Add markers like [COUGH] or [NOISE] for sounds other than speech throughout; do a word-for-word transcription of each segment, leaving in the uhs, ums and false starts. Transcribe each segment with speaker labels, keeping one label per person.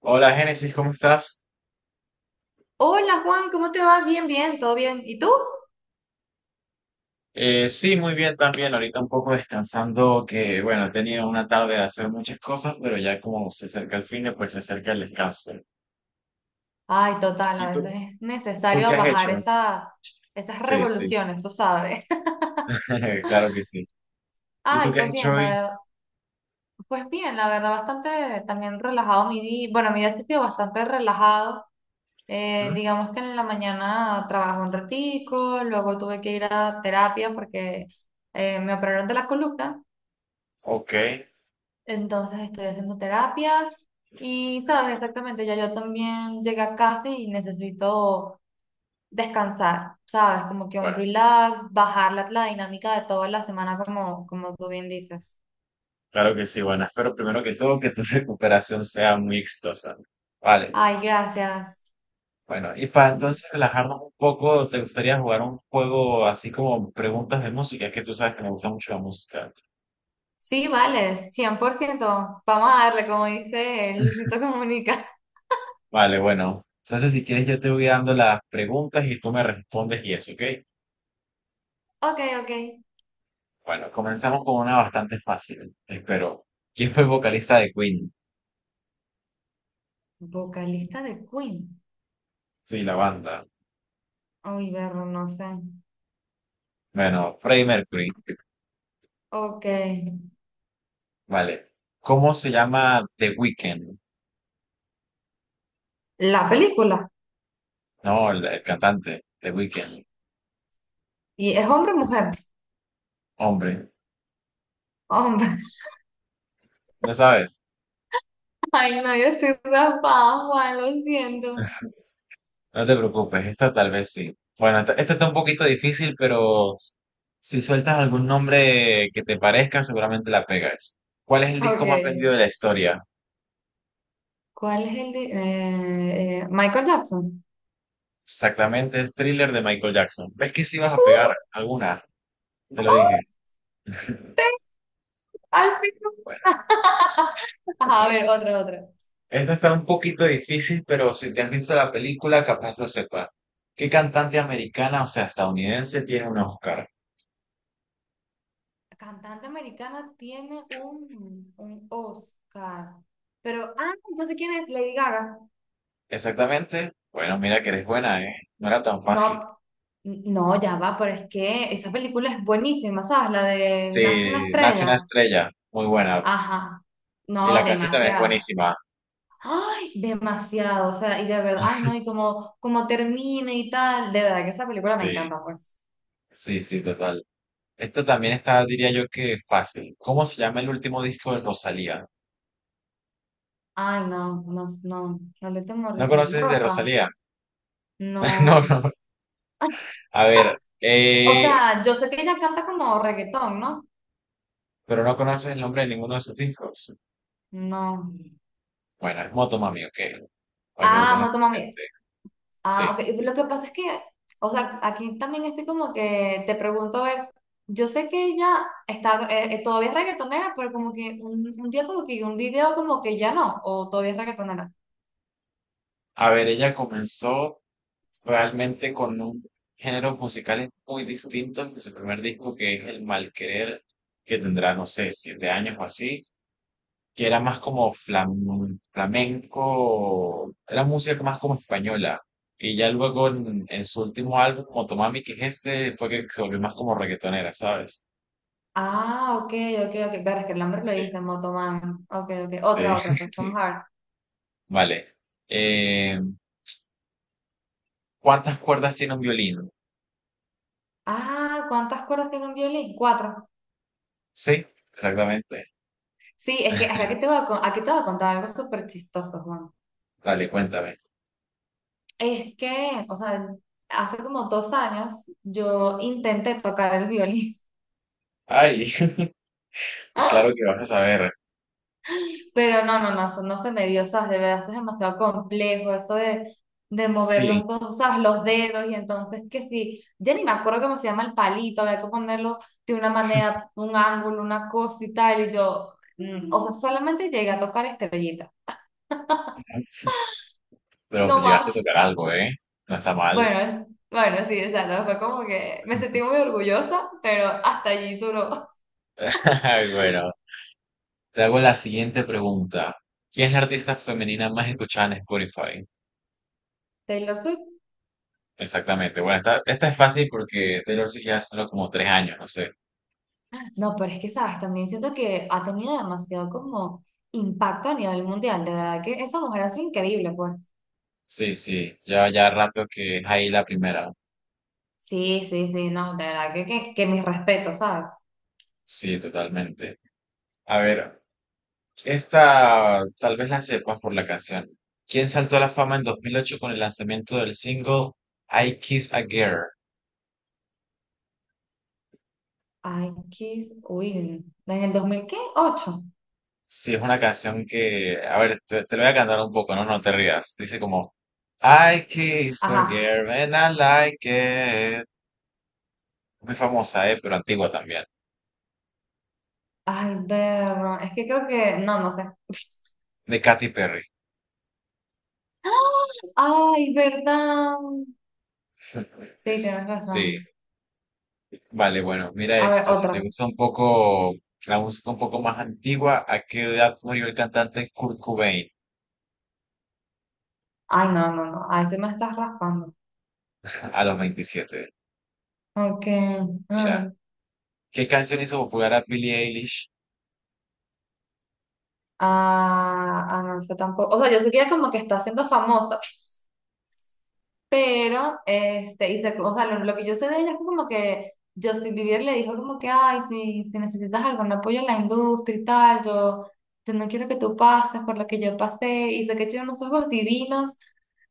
Speaker 1: Hola Génesis, ¿cómo estás?
Speaker 2: Hola Juan, ¿cómo te va? Bien, bien, todo bien. ¿Y tú?
Speaker 1: Eh, sí, muy bien también. Ahorita un poco descansando, que bueno, he tenido una tarde de hacer muchas cosas, pero ya como se acerca el fin de, pues se acerca el descanso.
Speaker 2: Ay, total, a
Speaker 1: ¿Y
Speaker 2: veces
Speaker 1: tú?
Speaker 2: es
Speaker 1: ¿Tú qué
Speaker 2: necesario
Speaker 1: has
Speaker 2: bajar
Speaker 1: hecho?
Speaker 2: esa, esas
Speaker 1: Sí, sí,
Speaker 2: revoluciones, tú sabes.
Speaker 1: [LAUGHS] claro que sí.
Speaker 2: [LAUGHS]
Speaker 1: ¿Y tú
Speaker 2: Ay,
Speaker 1: qué has
Speaker 2: pues
Speaker 1: hecho
Speaker 2: bien, la
Speaker 1: hoy?
Speaker 2: verdad, pues bien, la verdad, bastante también relajado mi día. Bueno, mi día ha sido bastante relajado. Eh,
Speaker 1: ¿Mm?
Speaker 2: digamos que en la mañana trabajé un ratico, luego tuve que ir a terapia porque eh, me operaron de la columna,
Speaker 1: Ok,
Speaker 2: entonces estoy haciendo terapia y sabes exactamente, ya yo también llegué a casa y necesito descansar, ¿sabes? Como que un relax, bajar la, la dinámica de toda la semana, como, como tú bien dices.
Speaker 1: claro que sí. Bueno, espero primero que todo que tu [LAUGHS] recuperación sea muy exitosa. Vale,
Speaker 2: Ay, gracias.
Speaker 1: bueno, y para entonces relajarnos un poco, ¿te gustaría jugar un juego así como preguntas de música? Es que tú sabes que me gusta mucho la música.
Speaker 2: Sí, vale, cien por ciento. Vamos a darle, como dice Luisito Comunica. [LAUGHS]
Speaker 1: Vale, bueno. Entonces, si quieres, yo te voy dando las preguntas y tú me respondes y eso, ¿ok?
Speaker 2: Ok, ok.
Speaker 1: Bueno, comenzamos con una bastante fácil, espero. ¿Quién fue el vocalista de Queen?
Speaker 2: Vocalista de Queen.
Speaker 1: Sí, la banda.
Speaker 2: Uy, verlo, no sé.
Speaker 1: Bueno, Freddie Mercury.
Speaker 2: Ok.
Speaker 1: Vale. ¿Cómo se llama The Weeknd?
Speaker 2: La película.
Speaker 1: No, el, el cantante, The Weeknd.
Speaker 2: ¿Y es hombre o mujer?
Speaker 1: Hombre,
Speaker 2: Hombre.
Speaker 1: no sabes,
Speaker 2: [LAUGHS] Ay, no, yo estoy raspada, Juan, lo siento.
Speaker 1: no te preocupes, esta tal vez sí. Bueno, esta, esta está un poquito difícil, pero si sueltas algún nombre que te parezca, seguramente la pegas. ¿Cuál es el disco
Speaker 2: Ok.
Speaker 1: más vendido de la historia?
Speaker 2: ¿Cuál es el de, eh, eh, Michael Jackson?
Speaker 1: Exactamente, Thriller de Michael Jackson. ¿Ves que si vas a
Speaker 2: Uh,
Speaker 1: pegar alguna? Te lo dije.
Speaker 2: oh. Al fin.
Speaker 1: Bueno,
Speaker 2: [LAUGHS] Ajá, a ver, otra, otra.
Speaker 1: esta está un poquito difícil, pero si te has visto la película, capaz lo sepas. ¿Qué cantante americana, o sea, estadounidense, tiene un Oscar?
Speaker 2: Cantante americana tiene un, un Oscar. Pero, ah, entonces, ¿quién es? Lady Gaga.
Speaker 1: Exactamente. Bueno, mira que eres buena, ¿eh? No era tan
Speaker 2: No,
Speaker 1: fácil.
Speaker 2: n- no, ya va, pero es que esa película es buenísima, ¿sabes? La de Nace una
Speaker 1: Sí, nace una
Speaker 2: estrella.
Speaker 1: estrella. Muy buena.
Speaker 2: Ajá.
Speaker 1: Y la
Speaker 2: No,
Speaker 1: canción también es
Speaker 2: demasiado.
Speaker 1: buenísima.
Speaker 2: Ay, demasiado. O sea, y de verdad, ay, no, y como, como termina y tal. De verdad que esa película me
Speaker 1: Sí,
Speaker 2: encanta, pues.
Speaker 1: sí, sí, total. Esto también está, diría yo que fácil. ¿Cómo se llama el último disco de Rosalía?
Speaker 2: Ay, no, no, no. La última,
Speaker 1: ¿No conoces de
Speaker 2: Rosa.
Speaker 1: Rosalía? [LAUGHS] No,
Speaker 2: No.
Speaker 1: no.
Speaker 2: Ay,
Speaker 1: A ver,
Speaker 2: o
Speaker 1: eh,
Speaker 2: sea, yo sé que ella canta como reggaetón, ¿no?
Speaker 1: pero no conoces el nombre de ninguno de sus discos.
Speaker 2: No.
Speaker 1: Bueno, es Moto Mami, ok, para que lo
Speaker 2: Ah,
Speaker 1: tengas
Speaker 2: Moto Mami.
Speaker 1: presente.
Speaker 2: Ah,
Speaker 1: Sí.
Speaker 2: ok. Lo que pasa es que, o sea, aquí también estoy como que te pregunto, a ver, yo sé que ella está, eh, eh, todavía es reggaetonera, pero como que un, un día como que un video como que ya no, o todavía es reggaetonera.
Speaker 1: A ver, ella comenzó realmente con un género musical muy distinto que su primer disco, que es El Malquerer, que tendrá, no sé, siete años o así, que era más como flam- flamenco, era música más como española. Y ya luego en, en su último álbum, Motomami, que es este, fue que se volvió más como reggaetonera, ¿sabes?
Speaker 2: Ah, ok, ok, ok. Pero es que el nombre lo
Speaker 1: Sí,
Speaker 2: dice Motomami Mami. Ok, ok. Otra,
Speaker 1: sí.
Speaker 2: otra, pues vamos a ver.
Speaker 1: Vale. Eh, ¿cuántas cuerdas tiene un violín?
Speaker 2: Ah, ¿cuántas cuerdas tiene un violín? Cuatro.
Speaker 1: Sí, exactamente.
Speaker 2: Sí, es que aquí te voy a, con- aquí te voy a contar algo súper chistoso, Juan.
Speaker 1: Dale, cuéntame.
Speaker 2: Es que, o sea, hace como dos años yo intenté tocar el violín,
Speaker 1: Ay, [LAUGHS] pues claro
Speaker 2: [LAUGHS]
Speaker 1: que vas a saber.
Speaker 2: pero no, no, no, eso no se me dio, sabes, de verdad, eso es demasiado complejo, eso de, de mover los
Speaker 1: Sí,
Speaker 2: dos, ¿sabes? Los dedos, y entonces que sí, ya ni me acuerdo cómo se llama el palito, había que ponerlo de una manera, un ángulo, una cosa y tal, y yo, mm, o sea, solamente llegué a tocar estrellita,
Speaker 1: pero
Speaker 2: no
Speaker 1: llegaste a
Speaker 2: más.
Speaker 1: tocar algo, ¿eh? No está mal.
Speaker 2: Bueno, es- bueno, sí, exacto. Fue como que me sentí
Speaker 1: [LAUGHS]
Speaker 2: muy orgullosa, pero hasta allí duró.
Speaker 1: Ay, bueno, te hago la siguiente pregunta. ¿Quién es la artista femenina más escuchada en Spotify?
Speaker 2: Taylor Swift.
Speaker 1: Exactamente. Bueno, esta, esta es fácil porque Taylor Swift ya hace solo como tres años, no sé.
Speaker 2: No, pero es que, sabes, también siento que ha tenido demasiado como impacto a nivel mundial. De verdad que esa mujer ha sido increíble, pues.
Speaker 1: Sí, sí, ya, ya rato que es ahí la primera.
Speaker 2: Sí, sí, sí, no, de verdad que, que, que mis respetos, ¿sabes?
Speaker 1: Sí, totalmente. A ver, esta tal vez la sepas por la canción. ¿Quién saltó a la fama en dos mil ocho con el lanzamiento del single I Kiss a Girl?
Speaker 2: Ay, Kiss, uy, en en el dos mil ¿qué? Ocho.
Speaker 1: Sí, es una canción que, a ver, te, te lo voy a cantar un poco, no, no te rías. Dice como I Kiss a
Speaker 2: Ajá.
Speaker 1: Girl and I Like It. Muy famosa, eh, pero antigua también.
Speaker 2: Ay, ver, es que creo que, no, no sé.
Speaker 1: De Katy Perry.
Speaker 2: [GASPS] Ay, verdad. Sí, tienes
Speaker 1: Sí,
Speaker 2: razón.
Speaker 1: vale, bueno, mira
Speaker 2: A ver,
Speaker 1: esta. Si te
Speaker 2: otra.
Speaker 1: gusta un poco la música un poco más antigua, ¿a qué edad murió el cantante Kurt Cobain?
Speaker 2: Ay, no, no, no, ahí se me estás raspando.
Speaker 1: A los veintisiete.
Speaker 2: Ok.
Speaker 1: Mira.
Speaker 2: Mm.
Speaker 1: ¿Qué canción hizo popular a Billie Eilish?
Speaker 2: Ah, ah, no sé tampoco. O sea, yo sé que ella como que está siendo famosa, pero, este, y se- o sea, lo, lo que yo sé de ella es como que Justin Bieber le dijo como que, ay, si, si necesitas algún apoyo en la industria y tal, yo, yo no quiero que tú pases por lo que yo pasé, y sé que tiene unos ojos divinos.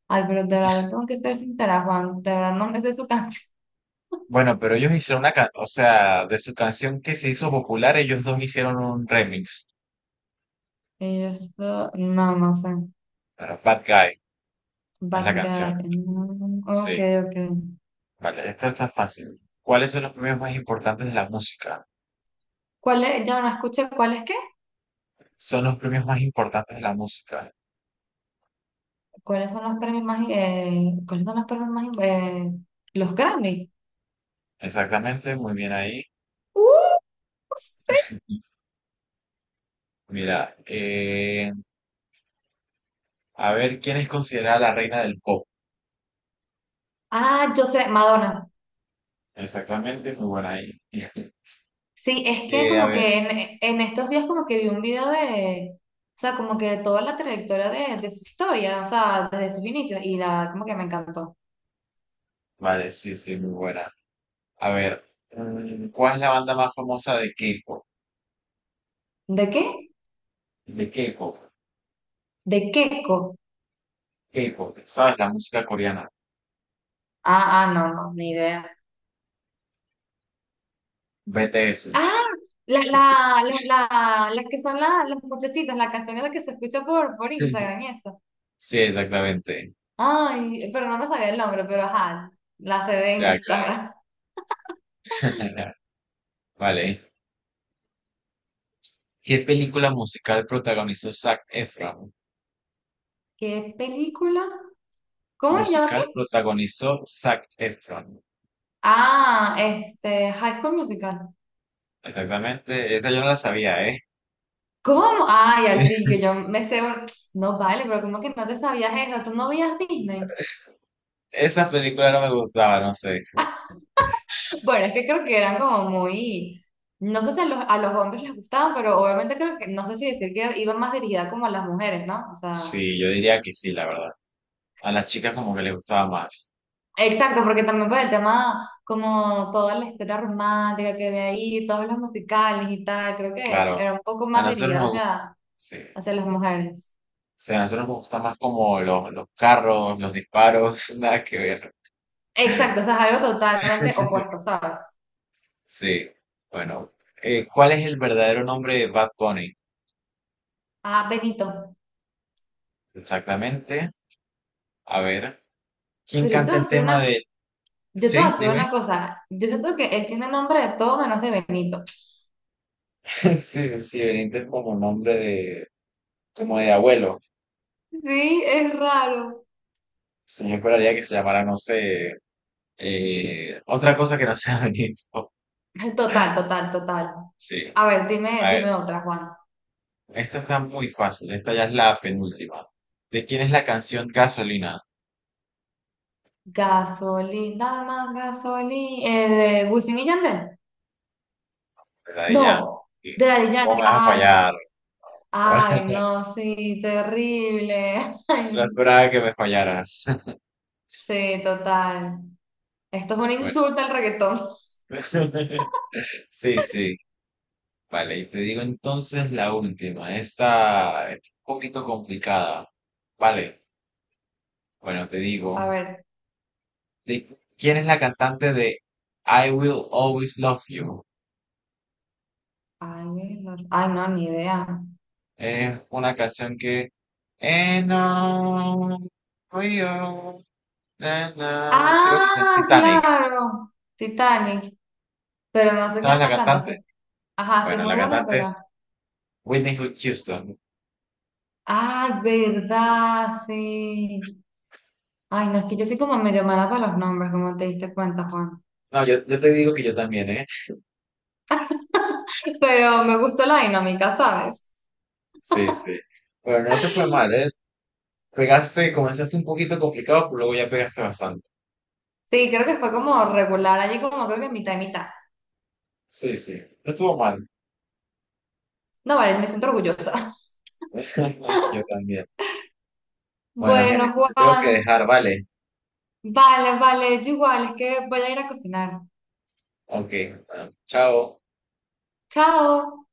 Speaker 2: Ay, pero de verdad, tengo que ser sincera, Juan, de verdad, no me sé su canción. [LAUGHS]
Speaker 1: Bueno, pero ellos hicieron una canción, o sea, de su canción que se hizo popular, ellos dos hicieron un remix
Speaker 2: Y yo, no, no sé.
Speaker 1: para Bad Guy, es la
Speaker 2: Bad
Speaker 1: canción.
Speaker 2: Guy. Mm, ok,
Speaker 1: Sí,
Speaker 2: ok.
Speaker 1: vale, esta está fácil. ¿Cuáles son los premios más importantes de la música?
Speaker 2: ¿Cuál es? No, no escuché. ¿Cuál es qué?
Speaker 1: Son los premios más importantes de la música.
Speaker 2: ¿Cuáles son los premios más... eh, ¿cuáles son los premios más... eh, los Grammy?
Speaker 1: Exactamente, muy bien ahí.
Speaker 2: ¡Uh! Sí.
Speaker 1: Mira, eh, a ver, ¿quién es considerada la reina del pop?
Speaker 2: Ah, yo sé, Madonna.
Speaker 1: Exactamente, muy buena ahí.
Speaker 2: Sí, es que
Speaker 1: Eh, a
Speaker 2: como
Speaker 1: ver,
Speaker 2: que en, en estos días como que vi un video de, o sea, como que de toda la trayectoria de, de su historia, o sea, desde sus inicios, y la, como que me encantó.
Speaker 1: vale, sí, sí, muy buena. A ver, mm, ¿cuál es la banda más famosa de K-pop?
Speaker 2: ¿De qué?
Speaker 1: De K-pop,
Speaker 2: De Keiko.
Speaker 1: K-pop, ¿sabes? La música coreana,
Speaker 2: Ah, ah, no, no, ni idea.
Speaker 1: B T S.
Speaker 2: Ah, la, la, la, la- las que son la- las muchachitas, la canción es la que se escucha por, por
Speaker 1: Sí,
Speaker 2: Instagram y eso.
Speaker 1: sí, exactamente.
Speaker 2: Ay, pero no me sabía el nombre, pero ajá, la sé de
Speaker 1: Ya, claro.
Speaker 2: Instagram.
Speaker 1: [LAUGHS] Vale. ¿Qué película musical protagonizó Zac Efron?
Speaker 2: [LAUGHS] ¿Qué película? ¿Cómo se llama
Speaker 1: Musical
Speaker 2: qué?
Speaker 1: protagonizó Zac Efron.
Speaker 2: Ah, este, High School Musical.
Speaker 1: Exactamente, esa yo no la sabía, ¿eh?
Speaker 2: ¿Cómo? Ay, al fin,
Speaker 1: [LAUGHS]
Speaker 2: yo, yo me sé un- No vale, pero ¿cómo que no te sabías eso? ¿Tú no veías Disney?
Speaker 1: Esa película no me gustaba, no sé.
Speaker 2: [LAUGHS] Bueno, es que creo que eran como muy. No sé si a los, a los hombres les gustaban, pero obviamente creo que, no sé si decir que iban más dirigida como a las mujeres, ¿no? O sea.
Speaker 1: Sí, yo diría que sí, la verdad. A las chicas como que les gustaba más.
Speaker 2: Exacto, porque también por el tema, como toda la historia romántica que había ahí, todos los musicales y tal, creo que
Speaker 1: Claro.
Speaker 2: era un poco
Speaker 1: A
Speaker 2: más
Speaker 1: nosotros
Speaker 2: dirigida
Speaker 1: nos gusta.
Speaker 2: hacia,
Speaker 1: Sí.
Speaker 2: hacia las mujeres.
Speaker 1: O sea, a nosotros nos gustan más como los, los carros, los disparos, [LAUGHS] nada que ver.
Speaker 2: Exacto, o sea, es algo totalmente
Speaker 1: [LAUGHS]
Speaker 2: opuesto, ¿sabes?
Speaker 1: Sí, bueno. eh, ¿cuál es el verdadero nombre de Bad Bunny?
Speaker 2: Ah, Benito.
Speaker 1: Exactamente. A ver, ¿quién
Speaker 2: Pero yo te
Speaker 1: canta
Speaker 2: voy a
Speaker 1: el
Speaker 2: decir
Speaker 1: tema
Speaker 2: una,
Speaker 1: de...
Speaker 2: yo te voy
Speaker 1: Sí,
Speaker 2: a decir
Speaker 1: dime.
Speaker 2: una cosa, yo siento que él tiene nombre de todo menos de Benito.
Speaker 1: [LAUGHS] Sí, sí, sí, Benítez es como nombre de... como de abuelo.
Speaker 2: Sí, es raro.
Speaker 1: Sí, yo esperaría que se llamara, no sé, eh, otra cosa que no sea [LAUGHS] Benito.
Speaker 2: Total, total, total.
Speaker 1: Sí.
Speaker 2: A ver, dime,
Speaker 1: A ver,
Speaker 2: dime otra, Juan.
Speaker 1: esta está muy fácil. Esta ya es la penúltima. ¿De quién es la canción Gasolina?
Speaker 2: Gasolina, más gasolina, eh, de Wisin y Yandel.
Speaker 1: ¿Verdad? Y ya,
Speaker 2: No,
Speaker 1: y,
Speaker 2: de Daddy
Speaker 1: ¿cómo
Speaker 2: Yankee.
Speaker 1: me vas a
Speaker 2: Ay, sí.
Speaker 1: fallar?
Speaker 2: Ay,
Speaker 1: [LAUGHS]
Speaker 2: no, sí, terrible. [LAUGHS]
Speaker 1: No
Speaker 2: Ay,
Speaker 1: esperaba que me fallaras. [LAUGHS]
Speaker 2: sí, total. Esto es un
Speaker 1: Bueno,
Speaker 2: insulto al reggaetón.
Speaker 1: [LAUGHS]
Speaker 2: [LAUGHS]
Speaker 1: sí, sí, vale. Y te digo entonces la última. Esta es un poquito complicada. Vale, bueno, te
Speaker 2: A
Speaker 1: digo.
Speaker 2: ver.
Speaker 1: ¿De ¿quién es la cantante de I Will Always Love You?
Speaker 2: Ay, no, ay, no, ni idea.
Speaker 1: Es una canción que... And I'm real, na, na. Creo que está en
Speaker 2: Ah,
Speaker 1: Titanic.
Speaker 2: claro. Titanic. Pero no sé quién
Speaker 1: ¿Sabes la
Speaker 2: la canta. Sí.
Speaker 1: cantante?
Speaker 2: Ajá, sí es
Speaker 1: Bueno,
Speaker 2: muy
Speaker 1: la
Speaker 2: buena,
Speaker 1: cantante
Speaker 2: pero.
Speaker 1: es Whitney Houston.
Speaker 2: Ay, verdad, sí. Ay, no, es que yo soy como medio mala para los nombres, como te diste cuenta, Juan.
Speaker 1: No, yo, yo te digo que yo también, ¿eh?
Speaker 2: [LAUGHS] Pero me gustó la dinámica, ¿sabes?
Speaker 1: Sí, sí. Pero no te fue mal, ¿eh? Pegaste, comenzaste un poquito complicado, pero luego ya pegaste bastante.
Speaker 2: Sí, creo que fue como regular, allí como creo que mitad y mitad.
Speaker 1: Sí, sí. No estuvo mal.
Speaker 2: No, vale, me siento orgullosa. [LAUGHS]
Speaker 1: [LAUGHS] Yo también. Bueno,
Speaker 2: Bueno,
Speaker 1: Génesis, te tengo que
Speaker 2: Juan,
Speaker 1: dejar, ¿vale?
Speaker 2: vale, vale, yo igual, es que voy a ir a cocinar.
Speaker 1: Ok, bueno, chao.
Speaker 2: Chao.